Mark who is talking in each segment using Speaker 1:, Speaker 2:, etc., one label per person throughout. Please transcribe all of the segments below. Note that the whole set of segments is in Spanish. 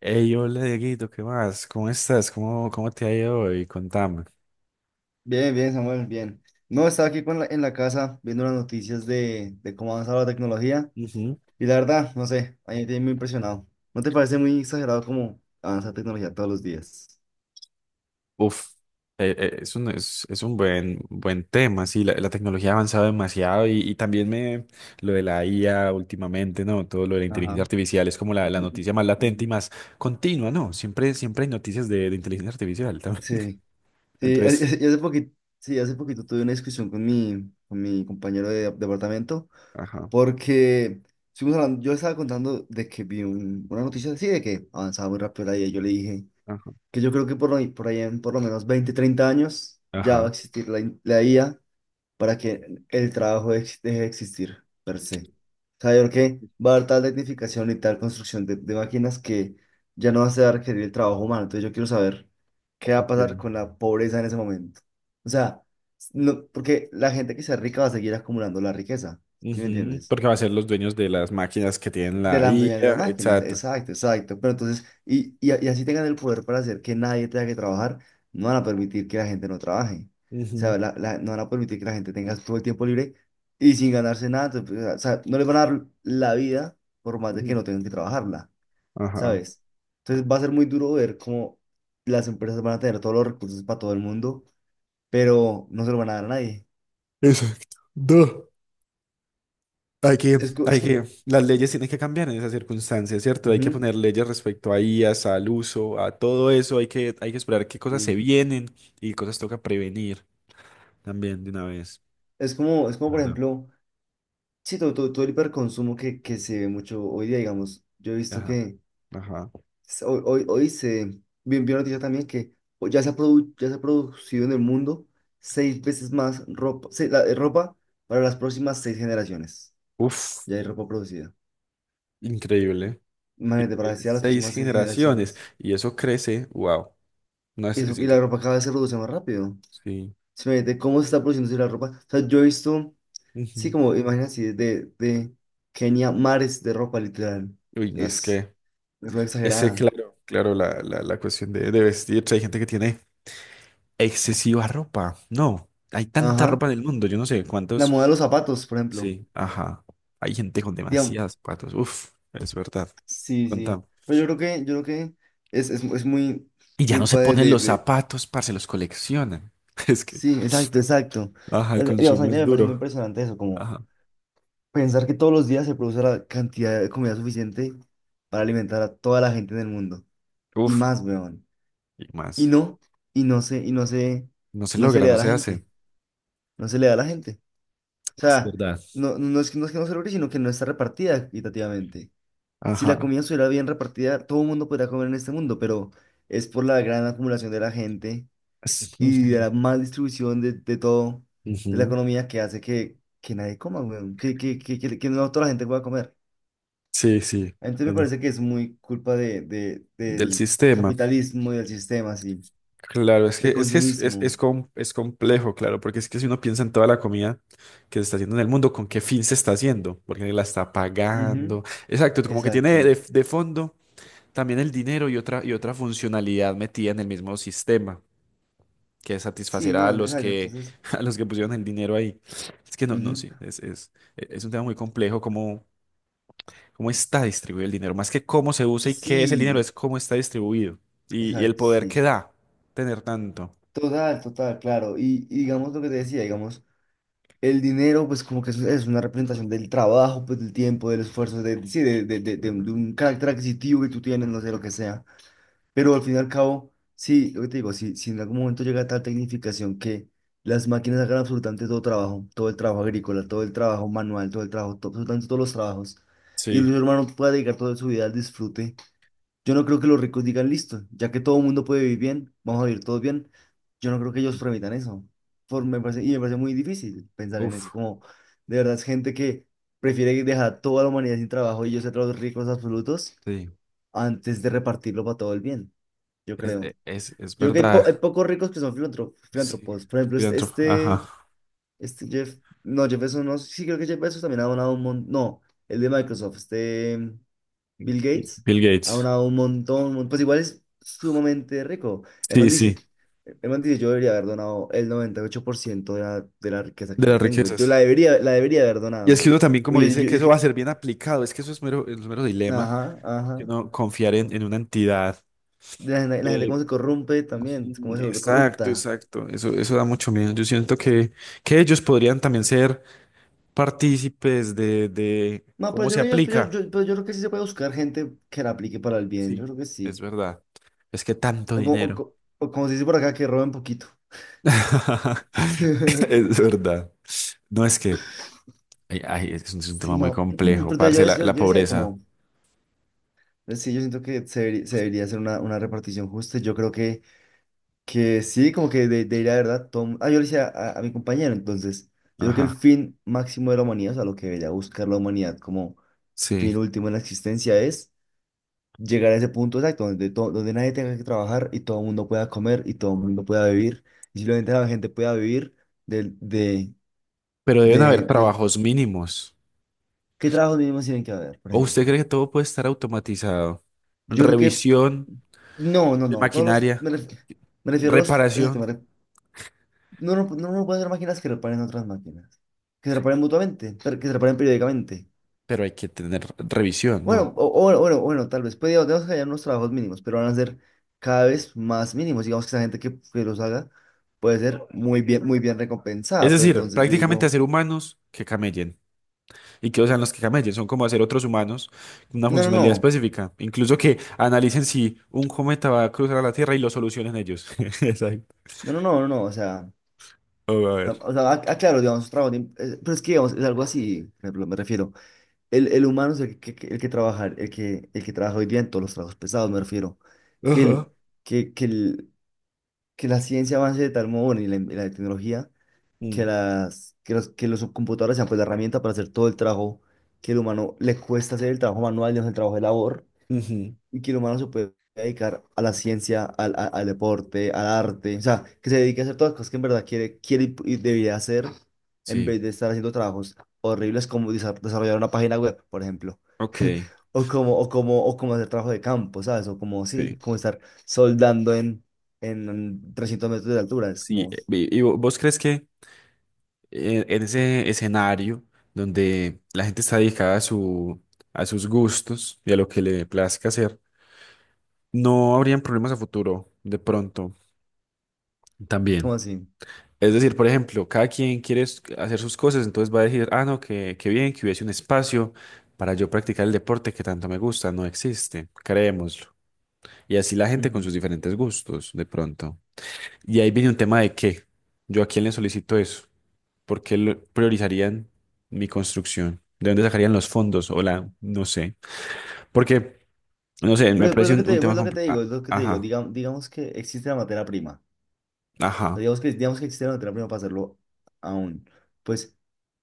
Speaker 1: Hey, hola Dieguito, ¿qué más? ¿Cómo estás? ¿Cómo te ha ido hoy? Contame.
Speaker 2: Bien, bien, Samuel, bien. No, estaba aquí con en la casa viendo las noticias de cómo ha avanzado la tecnología
Speaker 1: Ujú.
Speaker 2: y la verdad, no sé, a mí me tiene muy impresionado. ¿No te parece muy exagerado cómo avanza la tecnología todos los días?
Speaker 1: Uf, es un buen tema, sí, la tecnología ha avanzado demasiado y también lo de la IA últimamente, ¿no? Todo lo de la
Speaker 2: Ajá.
Speaker 1: inteligencia artificial es como la noticia más latente y
Speaker 2: Mm.
Speaker 1: más continua, ¿no? Siempre hay noticias de inteligencia artificial también.
Speaker 2: Sí, sí, a- a- y
Speaker 1: Entonces,
Speaker 2: hace poquito, sí, hace poquito tuve una discusión con mi compañero de departamento
Speaker 1: ajá,
Speaker 2: porque yo estaba contando de que vi una noticia así de que avanzaba muy rápido la IA. Yo le dije,
Speaker 1: ajá,
Speaker 2: que yo creo que por ahí en por lo menos 20-30 años ya va a
Speaker 1: ajá.
Speaker 2: existir la IA para que el trabajo deje de existir per se. O sea, yo creo que va a haber tal tecnificación y tal construcción de máquinas que ya no se va a ser requerir el trabajo humano. Entonces yo quiero saber qué va a pasar
Speaker 1: Okay.
Speaker 2: con la pobreza en ese momento. O sea, no, porque la gente que sea rica va a seguir acumulando la riqueza, ¿sí me
Speaker 1: Ujú,
Speaker 2: entiendes?
Speaker 1: porque va a ser los dueños de las máquinas que tienen
Speaker 2: De
Speaker 1: la
Speaker 2: las dueñas de las
Speaker 1: IA,
Speaker 2: máquinas,
Speaker 1: exacto.
Speaker 2: exacto, exacto. Pero entonces, y así tengan el poder para hacer que nadie tenga que trabajar, no van a permitir que la gente no trabaje. O sea,
Speaker 1: Ujú,
Speaker 2: no van a permitir que la gente tenga todo el tiempo libre y sin ganarse nada. Entonces, pues, o sea, no les van a dar la vida por más de que
Speaker 1: ujú.
Speaker 2: no tengan que trabajarla,
Speaker 1: Ajá.
Speaker 2: ¿sabes? Entonces va a ser muy duro ver cómo las empresas van a tener todos los recursos para todo el mundo, pero no se lo van a dar a nadie.
Speaker 1: Exacto. No.
Speaker 2: Es, co- es como,
Speaker 1: Las leyes tienen que cambiar en esas circunstancias, ¿cierto? Hay que
Speaker 2: ujú,
Speaker 1: poner leyes respecto a IAs, al uso, a todo eso. Hay que esperar qué cosas se
Speaker 2: sí.
Speaker 1: vienen y cosas toca prevenir también de una vez,
Speaker 2: Es como, por
Speaker 1: ¿verdad?
Speaker 2: ejemplo. Sí, todo el hiperconsumo que se ve mucho hoy día, digamos. Yo he visto
Speaker 1: Ajá,
Speaker 2: que
Speaker 1: ajá.
Speaker 2: s- hoy se vi una noticia también que ya se ha producido en el mundo seis veces más ropa, ropa para las próximas seis generaciones.
Speaker 1: Uf,
Speaker 2: Ya hay ropa producida.
Speaker 1: increíble.
Speaker 2: Imagínate, para
Speaker 1: Increíble.
Speaker 2: decir a las
Speaker 1: Seis
Speaker 2: próximas seis
Speaker 1: generaciones
Speaker 2: generaciones.
Speaker 1: y eso crece, wow. No
Speaker 2: Y,
Speaker 1: es,
Speaker 2: eso,
Speaker 1: es
Speaker 2: y la
Speaker 1: increíble.
Speaker 2: ropa cada vez se produce más rápido.
Speaker 1: Sí.
Speaker 2: Simplemente, ¿cómo se está produciendo la ropa? O sea, yo he visto, sí,
Speaker 1: Ujú.
Speaker 2: como imagínate, así, de Kenia, mares de ropa, literal.
Speaker 1: Uy, no es
Speaker 2: Es
Speaker 1: que,
Speaker 2: una cosa
Speaker 1: ese,
Speaker 2: exagerada.
Speaker 1: claro, claro, la cuestión de vestirse. Hay gente que tiene excesiva ropa. No, hay tanta
Speaker 2: Ajá.
Speaker 1: ropa en el mundo. Yo no sé
Speaker 2: La
Speaker 1: cuántos.
Speaker 2: moda de los zapatos, por ejemplo.
Speaker 1: Sí, ajá. Hay gente con
Speaker 2: Digamos,
Speaker 1: demasiados zapatos. Uf, es verdad.
Speaker 2: sí, sí.
Speaker 1: Contamos.
Speaker 2: Pero yo creo que es muy
Speaker 1: Y ya no se
Speaker 2: culpa de,
Speaker 1: ponen
Speaker 2: de,
Speaker 1: los
Speaker 2: de-
Speaker 1: zapatos, parce, los coleccionan. Es que,
Speaker 2: Sí, exacto, exacto.
Speaker 1: ajá, el
Speaker 2: Digamos, a mí
Speaker 1: consumo es
Speaker 2: también me parece muy
Speaker 1: duro.
Speaker 2: impresionante eso, como
Speaker 1: Ajá.
Speaker 2: pensar que todos los días se produce la cantidad de comida suficiente para alimentar a toda la gente en el mundo. Y
Speaker 1: Uf,
Speaker 2: más, weón.
Speaker 1: y
Speaker 2: Y
Speaker 1: más.
Speaker 2: no, y
Speaker 1: No se
Speaker 2: no se
Speaker 1: logra,
Speaker 2: le da
Speaker 1: no
Speaker 2: a la
Speaker 1: se hace.
Speaker 2: gente. No se le da a la gente. O
Speaker 1: Es
Speaker 2: sea,
Speaker 1: verdad.
Speaker 2: no, es que no, es que no se logre, sino que no está repartida equitativamente. Si la
Speaker 1: Ajá.
Speaker 2: comida estuviera bien repartida, todo el mundo podría comer en este mundo, pero es por la gran acumulación de la gente y de
Speaker 1: Ujú,
Speaker 2: la mal distribución de todo, de la
Speaker 1: ujú.
Speaker 2: economía que hace que nadie coma, weón, que no toda la gente pueda comer.
Speaker 1: Sí, sí.
Speaker 2: Entonces me
Speaker 1: tienes-
Speaker 2: parece que es muy culpa de, de-
Speaker 1: Del
Speaker 2: del
Speaker 1: sistema.
Speaker 2: capitalismo y del sistema, así,
Speaker 1: Claro, es que
Speaker 2: de
Speaker 1: es,
Speaker 2: consumismo.
Speaker 1: es complejo, claro, porque es que si uno piensa en toda la comida que se está haciendo en el mundo, ¿con qué fin se está haciendo? ¿Por qué la está
Speaker 2: Ujú.
Speaker 1: pagando? Exacto, como que tiene
Speaker 2: Exacto.
Speaker 1: de, fondo también el dinero y otra funcionalidad metida en el mismo sistema, que es
Speaker 2: Sí,
Speaker 1: satisfacer a
Speaker 2: no,
Speaker 1: los
Speaker 2: exacto,
Speaker 1: que,
Speaker 2: entonces.
Speaker 1: a los que pusieron el dinero ahí. Es que no, no,
Speaker 2: Ujú.
Speaker 1: sí, es un tema muy complejo, cómo está distribuido el dinero, más que cómo se usa y qué es el dinero,
Speaker 2: Sí,
Speaker 1: es cómo está distribuido y el
Speaker 2: exacto,
Speaker 1: poder que
Speaker 2: sí.
Speaker 1: da tener tanto.
Speaker 2: Total, total, claro. Y digamos lo que te decía, digamos. El dinero, pues como que es una representación del trabajo, pues del tiempo, del esfuerzo, de, sí, de un carácter adquisitivo que tú tienes, no sé lo que sea. Pero al fin y al cabo, sí, lo que te digo, si en algún momento llega tal tecnificación que las máquinas hagan absolutamente todo trabajo, todo el trabajo agrícola, todo el trabajo manual, todo el trabajo, to- absolutamente todos los trabajos, y el
Speaker 1: Sí.
Speaker 2: ser humano pueda dedicar toda su vida al disfrute. Yo no creo que los ricos digan listo, ya que todo el mundo puede vivir bien, vamos a vivir todos bien. Yo no creo que ellos permitan eso. Por, me parece, y Me parece muy difícil pensar en eso.
Speaker 1: Uf,
Speaker 2: Como de verdad es gente que prefiere dejar a toda la humanidad sin trabajo y ellos ser los ricos absolutos
Speaker 1: sí,
Speaker 2: antes de repartirlo para todo el bien. Yo
Speaker 1: es,
Speaker 2: creo.
Speaker 1: e- es, es
Speaker 2: Yo creo que hay
Speaker 1: verdad.
Speaker 2: pocos ricos que son filantro-
Speaker 1: Sí,
Speaker 2: filántropos. Por ejemplo, este,
Speaker 1: filántropo, ajá.
Speaker 2: este, este Jeff, no, Jeff Bezos, no, sí creo que Jeff Bezos también ha donado un montón. No, el de Microsoft. Bill
Speaker 1: Y
Speaker 2: Gates
Speaker 1: Bill
Speaker 2: ha
Speaker 1: Gates.
Speaker 2: donado un montón, pues igual es sumamente rico. El man
Speaker 1: Sí,
Speaker 2: dice,
Speaker 1: sí,
Speaker 2: el man dice, yo debería haber donado el 98% de la riqueza que
Speaker 1: de
Speaker 2: yo
Speaker 1: las
Speaker 2: tengo. Yo la
Speaker 1: riquezas.
Speaker 2: debería, la debería haber
Speaker 1: Y es
Speaker 2: donado.
Speaker 1: que uno también, como
Speaker 2: Porque yo,
Speaker 1: dice,
Speaker 2: yo- yo-
Speaker 1: que
Speaker 2: es
Speaker 1: eso va a
Speaker 2: que-
Speaker 1: ser bien aplicado, es que eso es mero dilema,
Speaker 2: Ajá,
Speaker 1: porque
Speaker 2: ajá.
Speaker 1: no confiar en una entidad.
Speaker 2: La gente
Speaker 1: que-
Speaker 2: cómo se corrompe también,
Speaker 1: Ujú,
Speaker 2: cómo se vuelve
Speaker 1: exacto,
Speaker 2: corrupta.
Speaker 1: exacto. Eso da mucho miedo. Yo siento que ellos podrían también ser partícipes de
Speaker 2: No, pero
Speaker 1: cómo
Speaker 2: yo,
Speaker 1: se
Speaker 2: creo
Speaker 1: aplica.
Speaker 2: yo- pero yo creo que sí se puede buscar gente que la aplique para el bien, yo
Speaker 1: Sí,
Speaker 2: creo que
Speaker 1: es
Speaker 2: sí.
Speaker 1: verdad. Es que tanto
Speaker 2: O como, o
Speaker 1: dinero.
Speaker 2: co- o como se dice por acá, que roben poquito.
Speaker 1: Es verdad. No es que, ay, ay, es un
Speaker 2: Sí,
Speaker 1: tema muy
Speaker 2: no, pero
Speaker 1: complejo,
Speaker 2: entonces
Speaker 1: parce, la,
Speaker 2: yo, yo,
Speaker 1: la
Speaker 2: yo decía
Speaker 1: pobreza.
Speaker 2: como... Sí, yo siento que se debería hacer una repartición justa. Yo creo que sí, como que de, debería, de ir a verdad, Tom. Ah, yo le decía a mi compañero, entonces, yo creo que
Speaker 1: Ajá,
Speaker 2: el fin máximo de la humanidad, o sea, lo que debería buscar la humanidad como
Speaker 1: sí.
Speaker 2: fin último en la existencia es llegar a ese punto exacto, donde nadie tenga que trabajar y todo el mundo pueda comer y todo el mundo pueda vivir. Y simplemente la gente pueda vivir del, de,
Speaker 1: Pero deben
Speaker 2: de,
Speaker 1: haber
Speaker 2: del,
Speaker 1: trabajos mínimos.
Speaker 2: ¿Qué trabajos mínimos tienen que haber, por
Speaker 1: ¿O
Speaker 2: ejemplo?
Speaker 1: usted cree que todo puede estar automatizado?
Speaker 2: Yo creo que,
Speaker 1: Revisión
Speaker 2: no, no,
Speaker 1: de
Speaker 2: no, todos los,
Speaker 1: maquinaria,
Speaker 2: me refiero a los,
Speaker 1: reparación,
Speaker 2: exacto. No, no, no puede ser máquinas que reparen otras máquinas. Que se reparen mutuamente, pero que se reparen periódicamente.
Speaker 1: pero hay que tener revisión, ¿no?
Speaker 2: Bueno, bueno, bueno, bueno, tal vez. Podríamos Tenemos que hallar unos trabajos mínimos, pero van a ser cada vez más mínimos. Digamos que esa gente que los haga puede ser muy bien
Speaker 1: Es
Speaker 2: recompensada. Pero
Speaker 1: decir,
Speaker 2: entonces yo
Speaker 1: prácticamente
Speaker 2: digo,
Speaker 1: hacer humanos que camellen. Y que usan los que cacamayes, son como hacer otros humanos con una
Speaker 2: no, no,
Speaker 1: funcionalidad
Speaker 2: no,
Speaker 1: específica. Incluso que analicen si un cometa va a cruzar a la Tierra y lo solucionen ellos. Exacto.
Speaker 2: no, no, no, no, no,
Speaker 1: Oh, a ver.
Speaker 2: o sea, claro, digamos, pero es que digamos, es algo así, por ejemplo, me refiero. El humano es el el que trabajar, el que trabaja hoy día en todos los trabajos pesados, me refiero. Que el,
Speaker 1: Ajá.
Speaker 2: que, que el, que la ciencia avance de tal modo, bueno, y la tecnología, que,
Speaker 1: Mm,
Speaker 2: las, que, los, que los computadores sean pues la herramienta para hacer todo el trabajo que el humano le cuesta hacer, el trabajo manual, digamos, el trabajo de labor
Speaker 1: ujú.
Speaker 2: y que el humano se puede dedicar a la ciencia, al deporte, al arte, o sea, que se dedique a hacer todas las cosas que en verdad quiere, quiere y debería hacer en
Speaker 1: Sí,
Speaker 2: vez de estar haciendo trabajos horribles como desarrollar una página web, por ejemplo.
Speaker 1: ok,
Speaker 2: O como hacer trabajo de campo, ¿sabes? O como, sí,
Speaker 1: sí.
Speaker 2: como estar soldando en 300 metros de altura, es
Speaker 1: Sí,
Speaker 2: como,
Speaker 1: vos crees que en ese escenario donde la gente está dedicada a su, a sus gustos y a lo que le plazca hacer, no habrían problemas a futuro, de pronto, también.
Speaker 2: como así.
Speaker 1: Es decir, por ejemplo, cada quien quiere hacer sus cosas, entonces va a decir, ah, no, que bien, que hubiese un espacio para yo practicar el deporte que tanto me gusta. No existe, creémoslo. Y así la gente con sus
Speaker 2: Ujú.
Speaker 1: diferentes gustos, de pronto. Y ahí viene un tema de qué. ¿Yo a quién le solicito eso? ¿Por qué priorizarían mi construcción? ¿De dónde sacarían los fondos? O la, no sé. Porque, no sé, me
Speaker 2: Pero es
Speaker 1: parece
Speaker 2: lo que
Speaker 1: un,
Speaker 2: te
Speaker 1: un
Speaker 2: digo,
Speaker 1: tema
Speaker 2: es lo que
Speaker 1: compl-
Speaker 2: te digo,
Speaker 1: a-
Speaker 2: es lo que te digo,
Speaker 1: Ajá,
Speaker 2: digamos, digamos que existe la materia prima. O sea,
Speaker 1: ajá,
Speaker 2: digamos que existe la materia prima para hacerlo aún, pues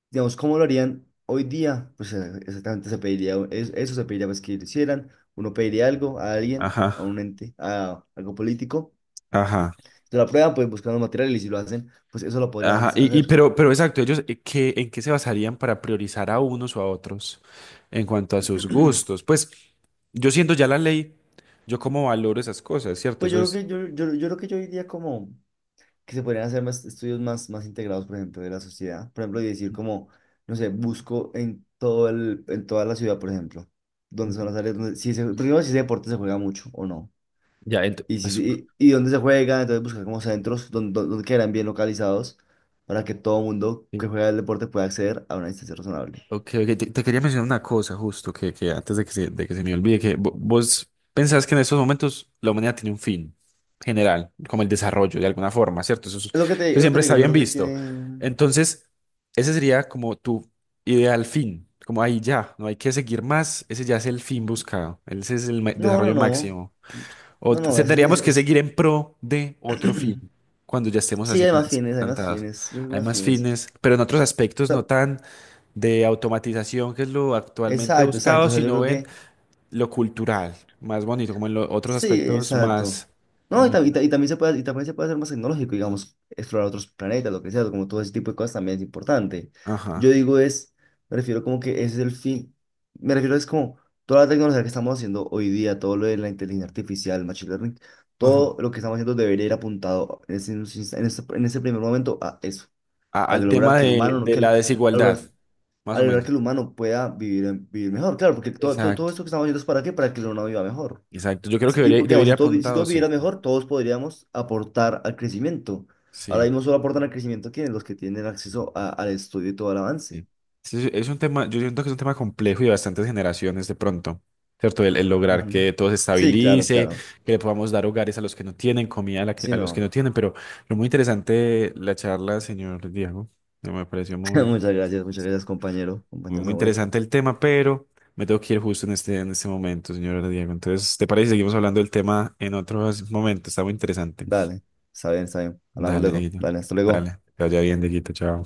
Speaker 2: digamos, ¿cómo lo harían hoy día? Exactamente eso se pediría, pues, que lo hicieran. Uno pediría algo a alguien,
Speaker 1: ajá,
Speaker 2: a un ente, a algo político.
Speaker 1: ajá.
Speaker 2: Se la prueban, pues buscan los materiales y si lo hacen, pues eso lo podrán
Speaker 1: Ajá, y
Speaker 2: hacer.
Speaker 1: pero exacto, ellos ¿en qué se basarían para priorizar a unos o a otros en cuanto a sus gustos? Pues yo siento ya la ley, yo cómo valoro esas cosas, ¿cierto?
Speaker 2: Pues
Speaker 1: Eso
Speaker 2: yo creo
Speaker 1: es.
Speaker 2: que yo creo que yo diría como que se podrían hacer más estudios más integrados, por ejemplo, de la sociedad. Por ejemplo, y decir como, no sé, busco en toda la ciudad, por ejemplo, donde son
Speaker 1: Ujú.
Speaker 2: las áreas donde, primero si ese deporte se juega mucho o no.
Speaker 1: Ya
Speaker 2: Y, si, se-
Speaker 1: pues,
Speaker 2: y dónde se juega, entonces buscar como centros donde quedarán bien localizados para que todo mundo que juega el deporte pueda acceder a una distancia razonable.
Speaker 1: ok, ok, te quería mencionar una cosa justo, que antes de que se me olvide, que vos pensás que en estos momentos la humanidad tiene un fin general, como el desarrollo de alguna forma, ¿cierto? Eso, es-
Speaker 2: Es lo que te,
Speaker 1: eso
Speaker 2: es lo que
Speaker 1: siempre
Speaker 2: te
Speaker 1: está
Speaker 2: digo, yo
Speaker 1: bien
Speaker 2: creo que
Speaker 1: visto.
Speaker 2: tiene...
Speaker 1: Entonces, ese sería como tu ideal fin, como ahí ya, no hay que seguir más, ese ya es el fin buscado, ese es el
Speaker 2: No, no,
Speaker 1: desarrollo
Speaker 2: no.
Speaker 1: máximo. O
Speaker 2: No, no,
Speaker 1: tendríamos que seguir en pro de otro fin cuando ya estemos
Speaker 2: Sí,
Speaker 1: así
Speaker 2: hay más
Speaker 1: plantados.
Speaker 2: fines, yo creo que
Speaker 1: Hay
Speaker 2: hay más
Speaker 1: más
Speaker 2: fines.
Speaker 1: fines, pero en otros
Speaker 2: O
Speaker 1: aspectos no
Speaker 2: sea,
Speaker 1: tan de automatización, que es lo actualmente
Speaker 2: exacto, exacto,
Speaker 1: buscado,
Speaker 2: o sea, yo
Speaker 1: sino
Speaker 2: creo
Speaker 1: en
Speaker 2: que.
Speaker 1: lo cultural, más bonito, como en los otros
Speaker 2: Sí,
Speaker 1: aspectos
Speaker 2: exacto.
Speaker 1: más...
Speaker 2: No, y,
Speaker 1: me-
Speaker 2: ta- y ta- y también se puede, y también se puede hacer más tecnológico, digamos, explorar otros planetas, lo que sea, como todo ese tipo de cosas también es importante. Yo
Speaker 1: Ajá,
Speaker 2: digo es, me refiero como que ese es el fin, me refiero es como toda la tecnología que estamos haciendo hoy día, todo lo de la inteligencia artificial, machine learning,
Speaker 1: ajá.
Speaker 2: todo lo que estamos haciendo debería ir apuntado en ese, en ese primer momento a eso, a
Speaker 1: Al
Speaker 2: lograr
Speaker 1: tema
Speaker 2: que el humano, no-
Speaker 1: de
Speaker 2: que
Speaker 1: la
Speaker 2: el- a
Speaker 1: desigualdad,
Speaker 2: lograr,
Speaker 1: más
Speaker 2: a
Speaker 1: o
Speaker 2: lograr que el
Speaker 1: menos.
Speaker 2: humano pueda vivir, vivir mejor, claro, porque todo
Speaker 1: Exacto,
Speaker 2: esto que estamos haciendo es para qué, para que el humano viva mejor.
Speaker 1: exacto. Yo creo que debería,
Speaker 2: Porque digamos,
Speaker 1: debería
Speaker 2: si
Speaker 1: apuntado,
Speaker 2: todos
Speaker 1: sí.
Speaker 2: vivieran mejor, todos podríamos aportar al crecimiento. Ahora
Speaker 1: Sí.
Speaker 2: mismo solo aportan al crecimiento los que tienen acceso al estudio y todo el avance.
Speaker 1: Sí. Sí, sí, es un tema, yo siento que es un tema complejo y de bastantes generaciones de pronto, ¿cierto? El lograr
Speaker 2: Ujú.
Speaker 1: que todo se
Speaker 2: Sí, claro,
Speaker 1: estabilice,
Speaker 2: claro.
Speaker 1: que le podamos dar hogares a los que no tienen, comida
Speaker 2: Sí,
Speaker 1: a los que
Speaker 2: no.
Speaker 1: no tienen, pero lo muy interesante la charla, señor Diego, me pareció muy interesante,
Speaker 2: Muchas
Speaker 1: sí.
Speaker 2: gracias, compañero,
Speaker 1: Muy,
Speaker 2: compañero
Speaker 1: muy
Speaker 2: Samuel.
Speaker 1: interesante el tema, pero me tengo que ir justo en este momento, señor Diego. Entonces, ¿te parece? Si seguimos hablando del tema en otros momentos, está muy interesante.
Speaker 2: Dale, está bien, está bien. Hablamos
Speaker 1: Dale,
Speaker 2: luego.
Speaker 1: Dieguito.
Speaker 2: Dale, hasta luego.
Speaker 1: Dale, que vaya bien, Dieguito, chao.